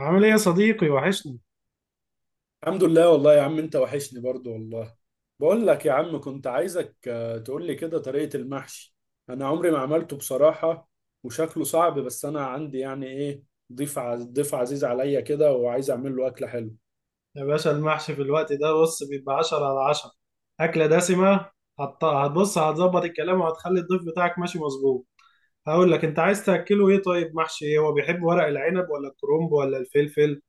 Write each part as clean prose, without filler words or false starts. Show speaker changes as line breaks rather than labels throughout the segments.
عامل ايه يا صديقي؟ وحشني.
الحمد لله والله يا عم انت وحشني برضو والله. بقول لك يا عم كنت عايزك، تقول لي كده طريقة المحشي. انا عمري ما عملته بصراحة. وشكله صعب، بس انا عندي يعني ايه، ضيف عزيز عليا كده وعايز اعمل له اكلة حلوه.
يا باشا المحشي في الوقت ده بص بيبقى 10 على 10. أكلة دسمة. هتبص، هتظبط الكلام وهتخلي الضيف بتاعك ماشي مظبوط. هقول لك انت عايز تأكله ايه. طيب محشي ايه؟ هو بيحب ورق العنب ولا الكرنب ولا الفلفل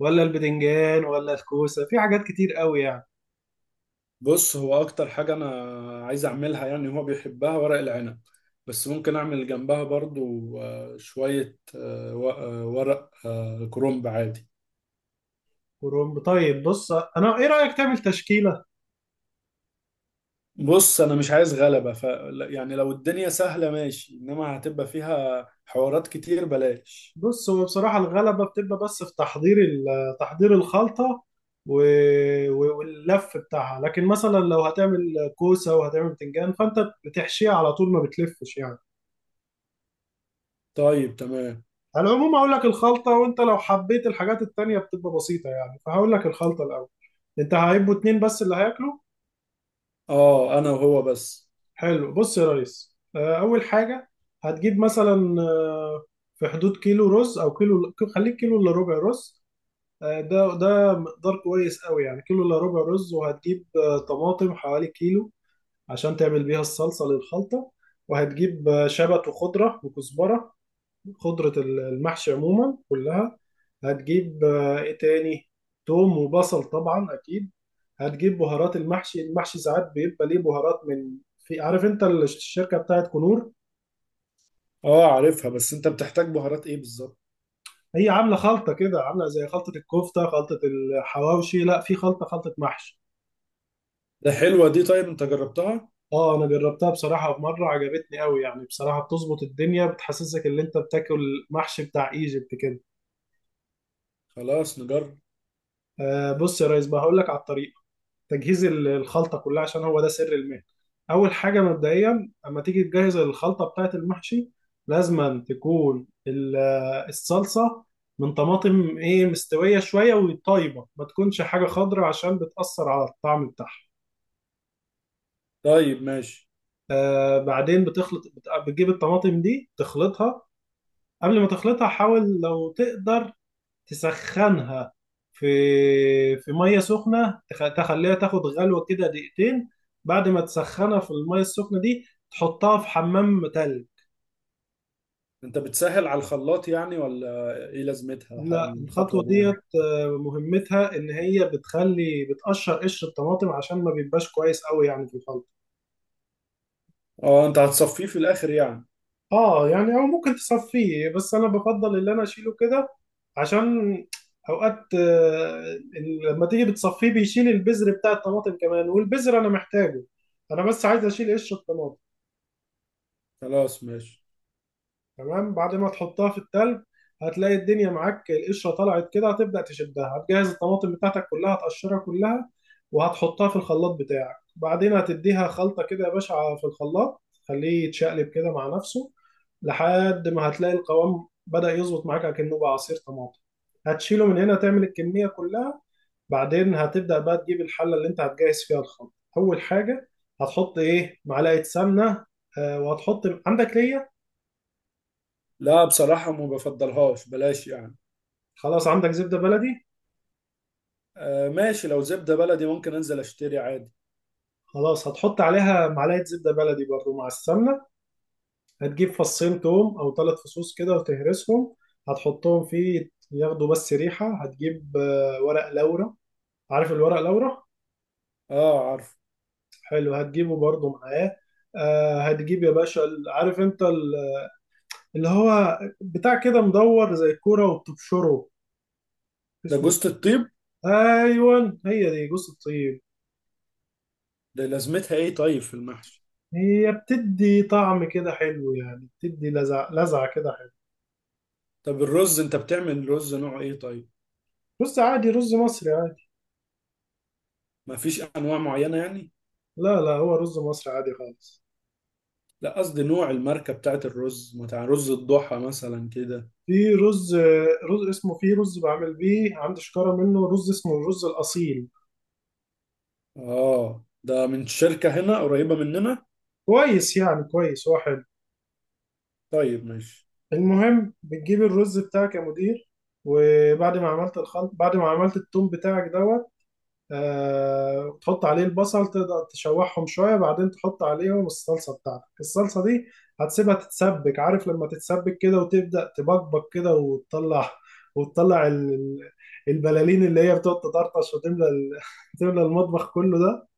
ولا البدنجان ولا الكوسة؟ في حاجات كتير قوي يعني.
بص، هو اكتر حاجة انا عايز اعملها يعني هو بيحبها ورق العنب، بس ممكن اعمل جنبها برضو، شوية، ورق كرنب عادي.
كرنب، طيب. بص انا ايه رأيك تعمل تشكيلة.
بص انا مش عايز غلبة يعني لو الدنيا سهلة ماشي، انما هتبقى فيها حوارات كتير بلاش.
بص هو بصراحة الغلبة بتبقى بس في تحضير تحضير الخلطة واللف بتاعها، لكن مثلا لو هتعمل كوسة وهتعمل بتنجان فأنت بتحشيها على طول ما بتلفش يعني.
طيب تمام.
على العموم هقول لك الخلطة، وأنت لو حبيت الحاجات التانية بتبقى بسيطة يعني، فهقول لك الخلطة الأول. أنت هيبقوا اتنين بس اللي هياكلوا.
اه انا وهو بس.
حلو. بص يا ريس، أول حاجة هتجيب مثلا، في حدود كيلو رز، أو كيلو، خليك كيلو إلا ربع رز. ده مقدار كويس قوي يعني، كيلو الا ربع رز. وهتجيب طماطم حوالي كيلو عشان تعمل بيها الصلصة للخلطة. وهتجيب شبت وخضرة وكزبرة، خضرة المحشي عموما كلها. هتجيب ايه تاني؟ توم وبصل طبعا اكيد. هتجيب بهارات المحشي. المحشي ساعات بيبقى ليه بهارات من، في، عارف انت الشركة بتاعت كنور.
اه عارفها، بس انت بتحتاج بهارات ايه بالظبط؟
هي عاملة خلطة كده، عاملة زي خلطة الكفتة، خلطة الحواوشي، لا في خلطة، خلطة محشي.
ده حلوة دي، طيب انت جربتها؟
اه انا جربتها بصراحه، في مره عجبتني قوي يعني بصراحه، بتظبط الدنيا، بتحسسك ان انت بتاكل محشي بتاع ايجيبت كده.
خلاص نجرب.
آه بص يا ريس بقى، هقول لك على الطريقه. تجهيز الخلطه كلها عشان هو ده سر المهنه. اول حاجه مبدئيا اما تيجي تجهز الخلطه بتاعه المحشي، لازم تكون الصلصه من طماطم ايه، مستويه شويه وطيبه، ما تكونش حاجه خضراء عشان بتاثر على الطعم بتاعها.
طيب ماشي.
آه بعدين بتخلط، بتجيب الطماطم دي تخلطها. قبل ما تخلطها حاول لو تقدر تسخنها في في ميه سخنه، تخليها تاخد غلوه كده دقيقتين. بعد ما تسخنها في الميه السخنه دي، تحطها في حمام تلج.
انت بتسهل على الخلاط يعني ولا ايه لازمتها
لا الخطوه
الخطوة دي يعني؟
ديت مهمتها ان هي بتخلي، بتقشر قشر الطماطم عشان ما بيبقاش كويس قوي يعني في الخلط.
اه انت هتصفيه في الاخر يعني.
اه يعني، او ممكن تصفيه، بس انا بفضل اللي انا اشيله كده عشان اوقات لما تيجي بتصفيه بيشيل البذر بتاع الطماطم كمان، والبذر انا محتاجه، انا بس عايز اشيل قشر الطماطم.
خلاص ماشي.
تمام، بعد ما تحطها في التلج، هتلاقي الدنيا معاك، القشرة طلعت كده، هتبدأ تشدها، هتجهز الطماطم بتاعتك كلها هتقشرها كلها وهتحطها في الخلاط بتاعك. بعدين هتديها خلطة كده يا باشا في الخلاط، خليه يتشقلب كده مع نفسه لحد ما هتلاقي القوام بدأ يظبط معاك كأنه بقى عصير طماطم. هتشيله من هنا، تعمل الكمية كلها. بعدين هتبدأ بقى تجيب الحلة اللي انت هتجهز فيها الخلطة. أول حاجة هتحط ايه، معلقة سمنة، وهتحط، عندك ليا؟
لا بصراحة ما بفضلهاش، بلاش يعني.
خلاص، عندك زبدة بلدي.
آه ماشي، لو زبدة بلدي ممكن انزل اشتري عادي.
خلاص هتحط عليها معلقة زبدة بلدي برضو مع السمنة. هتجيب فصين توم أو ثلاث فصوص كده وتهرسهم، هتحطهم فيه ياخدوا بس ريحة. هتجيب ورق لورا. عارف الورق لورا؟
اه عارف.
حلو، هتجيبه برضو معاه. هتجيب يا باشا عارف انت اللي هو بتاع كده مدور زي الكورة وبتبشره،
ده
اسمه.
جوزة الطيب؟
ايوه هي دي جوز الطيب.
ده لازمتها ايه طيب في المحشي؟
هي بتدي طعم كده حلو يعني، بتدي لذعة كده.
طب الرز انت بتعمل رز نوعه ايه طيب؟
رز عادي، رز مصري عادي.
ما فيش انواع معينة يعني؟
لا هو رز مصري عادي خالص.
لا قصدي نوع الماركة بتاعت الرز، بتاع رز الضحى مثلا كده.
في رز، رز اسمه، في رز بعمل بيه عندي شكارة منه، رز اسمه الرز الأصيل.
اه ده من شركة هنا قريبة مننا.
كويس يعني، كويس هو حلو.
طيب ماشي.
المهم بتجيب الرز بتاعك يا مدير، وبعد ما عملت الخلط، بعد ما عملت التوم بتاعك دوت، تحط عليه البصل، تقدر تشوحهم شوية، بعدين تحط عليهم الصلصة بتاعتك. الصلصة دي هتسيبها تتسبك. عارف لما تتسبك كده وتبدأ تبقبق كده، وتطلع وتطلع البلالين اللي هي بتقعد تطرطش وتملى تملى المطبخ كله ده.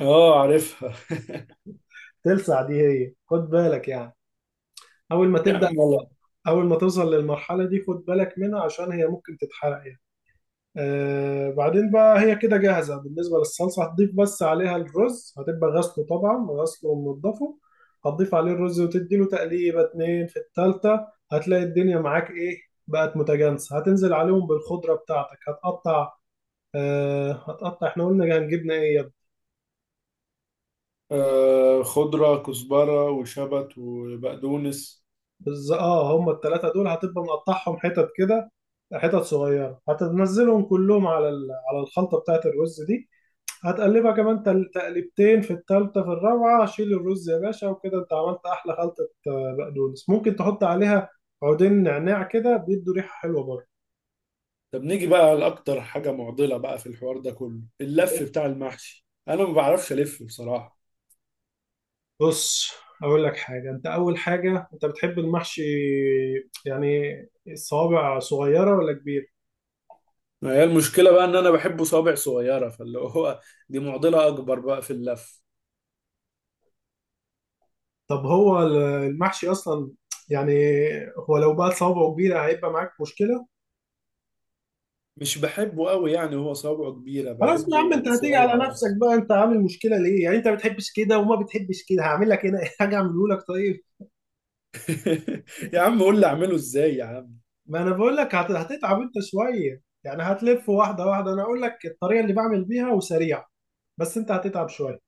اه عارفها.
تلسع دي، هي خد بالك يعني. أول ما
يا
تبدأ،
عم والله.
أول ما توصل للمرحلة دي خد بالك منها عشان هي ممكن تتحرق يعني. آه بعدين بقى هي كده جاهزة بالنسبة للصلصة. هتضيف بس عليها الرز، هتبقى غسله طبعا، غسله ومنضفه، هتضيف عليه الرز وتديله تقليبة اتنين في التالتة. هتلاقي الدنيا معاك ايه، بقت متجانسة. هتنزل عليهم بالخضرة بتاعتك، هتقطع، آه هتقطع، احنا قلنا هنجيبنا ايه يا ابني؟
آه، خضرة كزبرة وشبت وبقدونس.
اه هم التلاتة دول هتبقى مقطعهم حتت كده، حتت صغيرة، هتنزلهم كلهم على على الخلطة بتاعت الرز دي. هتقلبها كمان، تقلبتين في التالتة في الرابعة، شيل الرز يا باشا. وكده انت عملت احلى خلطة. بقدونس ممكن تحط عليها عودين نعناع كده، بيدوا ريحة حلوة برضه.
طب نيجي بقى لأكتر حاجة معضلة بقى في الحوار ده كله، اللف بتاع المحشي. أنا ما بعرفش ألف بصراحة.
بص اقول لك حاجة، انت اول حاجة، انت بتحب المحشي يعني الصوابع صغيرة ولا كبير؟
ما هي المشكلة بقى إن أنا بحبه صوابع صغيرة، فاللي هو دي معضلة أكبر بقى في اللف.
طب هو المحشي اصلا يعني، هو لو بقى صوابعه كبيرة هيبقى معاك مشكلة.
مش بحبه قوي يعني هو صوابعه كبيرة،
خلاص يا عم انت
بحبه
هتيجي
صغير
على نفسك
أكتر.
بقى، انت عامل مشكلة ليه يعني؟ انت بتحبش كده وما بتحبش كده. هعمل لك هنا حاجة، اعمله لك طيب.
يا عم قول لي أعمله إزاي يا عم.
ما انا بقول لك هتتعب انت شويه يعني، هتلف واحده واحده. انا اقول لك الطريقه اللي بعمل بيها وسريعه، بس انت هتتعب شويه.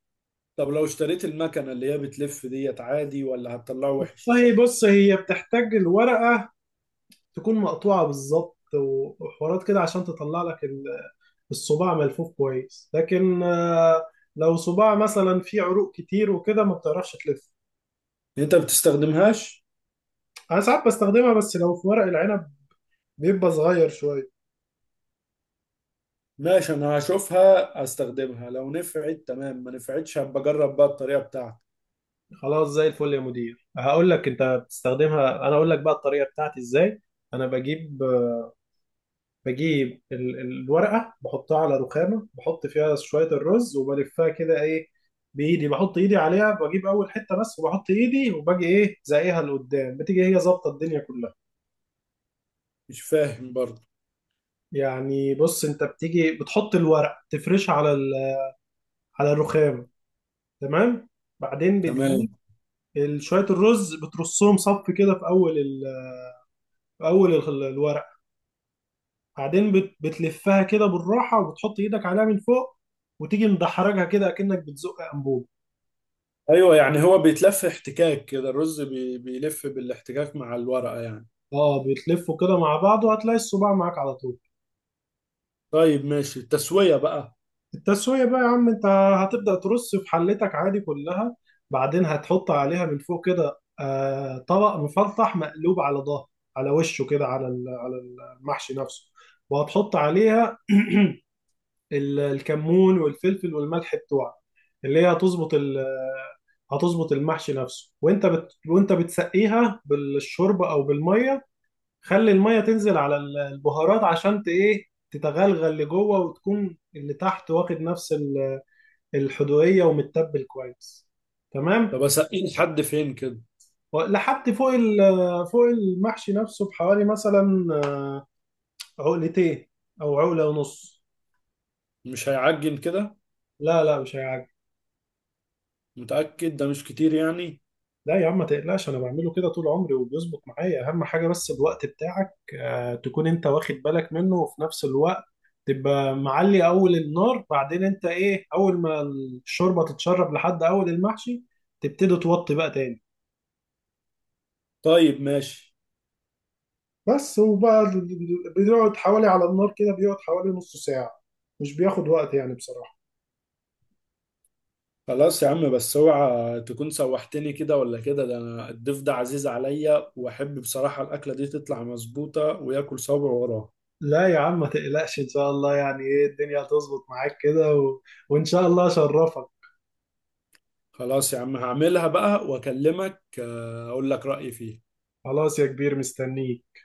طب لو اشتريت المكنة اللي هي بتلف ديت عادي، ولا هتطلعه وحش؟
طيب بص هي بتحتاج الورقه تكون مقطوعه بالظبط وحوارات كده عشان تطلع لك الصباع ملفوف كويس، لكن لو صباع مثلا فيه عروق كتير وكده ما بتعرفش تلف.
أنت ما بتستخدمهاش؟
انا ساعات بستخدمها بس لو في ورق العنب بيبقى صغير شويه.
ماشي، أنا هشوفها هستخدمها، لو نفعت تمام، ما نفعتش هبقى أجرب بقى الطريقة بتاعتك.
خلاص زي الفل يا مدير، هقول لك، انت بتستخدمها، انا اقول لك بقى الطريقه بتاعتي ازاي. انا بجيب، بجيب الورقة، بحطها على رخامة، بحط فيها شوية الرز وبلفها كده ايه، بإيدي، بحط إيدي عليها، بجيب أول حتة بس وبحط إيدي، وباجي إيه، زقيها لقدام، بتيجي هي ظابطة الدنيا كلها.
مش فاهم برضه.
يعني بص، أنت بتيجي بتحط الورق تفرش على على الرخام، تمام، بعدين
تمام.
بتجيب شوية الرز، بترصهم صف كده في أول في أول الورق، بعدين بتلفها كده بالراحة وبتحط إيدك عليها من فوق وتيجي مدحرجها كده أكنك بتزق أنبوب.
أيوه يعني هو بيتلف احتكاك كده، الرز بيلف بالاحتكاك مع الورقة يعني؟
اه بيتلفوا كده مع بعض، وهتلاقي الصباع معاك على طول.
طيب ماشي، التسوية بقى؟
التسوية بقى يا عم، انت هتبدأ ترص في حلتك عادي كلها، بعدين هتحط عليها من فوق كده آه طبق مفلطح مقلوب على ظهر، على وشه كده، على على المحشي نفسه، وهتحط عليها الكمون والفلفل والملح بتوعك، اللي هي هتظبط هتظبط المحشي نفسه. وانت وانت بتسقيها بالشوربة او بالمية، خلي المية تنزل على البهارات عشان ايه تتغلغل لجوه وتكون اللي تحت واخد نفس الحدوقية ومتبل كويس. تمام،
طب اسقيه لحد فين كده؟
لحد فوق فوق المحشي نفسه بحوالي مثلا عقلتين او عقلة ونص.
مش هيعجن كده؟
لا مش هيعجبك.
متأكد ده مش كتير يعني؟
لا يا عم ما تقلقش انا بعمله كده طول عمري وبيظبط معايا. اهم حاجه بس الوقت بتاعك، تكون انت واخد بالك منه. وفي نفس الوقت تبقى معلي اول النار، بعدين انت ايه، اول ما الشوربه تتشرب لحد اول المحشي، تبتدي توطي بقى تاني.
طيب ماشي.
بس، وبقى بيقعد حوالي على النار كده، بيقعد حوالي نص ساعه، مش بياخد وقت يعني بصراحه.
خلاص يا عم، بس اوعى تكون سوحتني كده ولا كده، ده انا الضيف ده عزيز عليا، واحب بصراحة الاكلة دي تطلع مظبوطة وياكل صابع وراه.
لا يا عم ما تقلقش ان شاء الله يعني ايه، الدنيا هتظبط معاك كده و... وان شاء الله اشرفك.
خلاص يا عم هعملها بقى واكلمك، اقول لك رأيي فيها.
خلاص يا كبير مستنيك.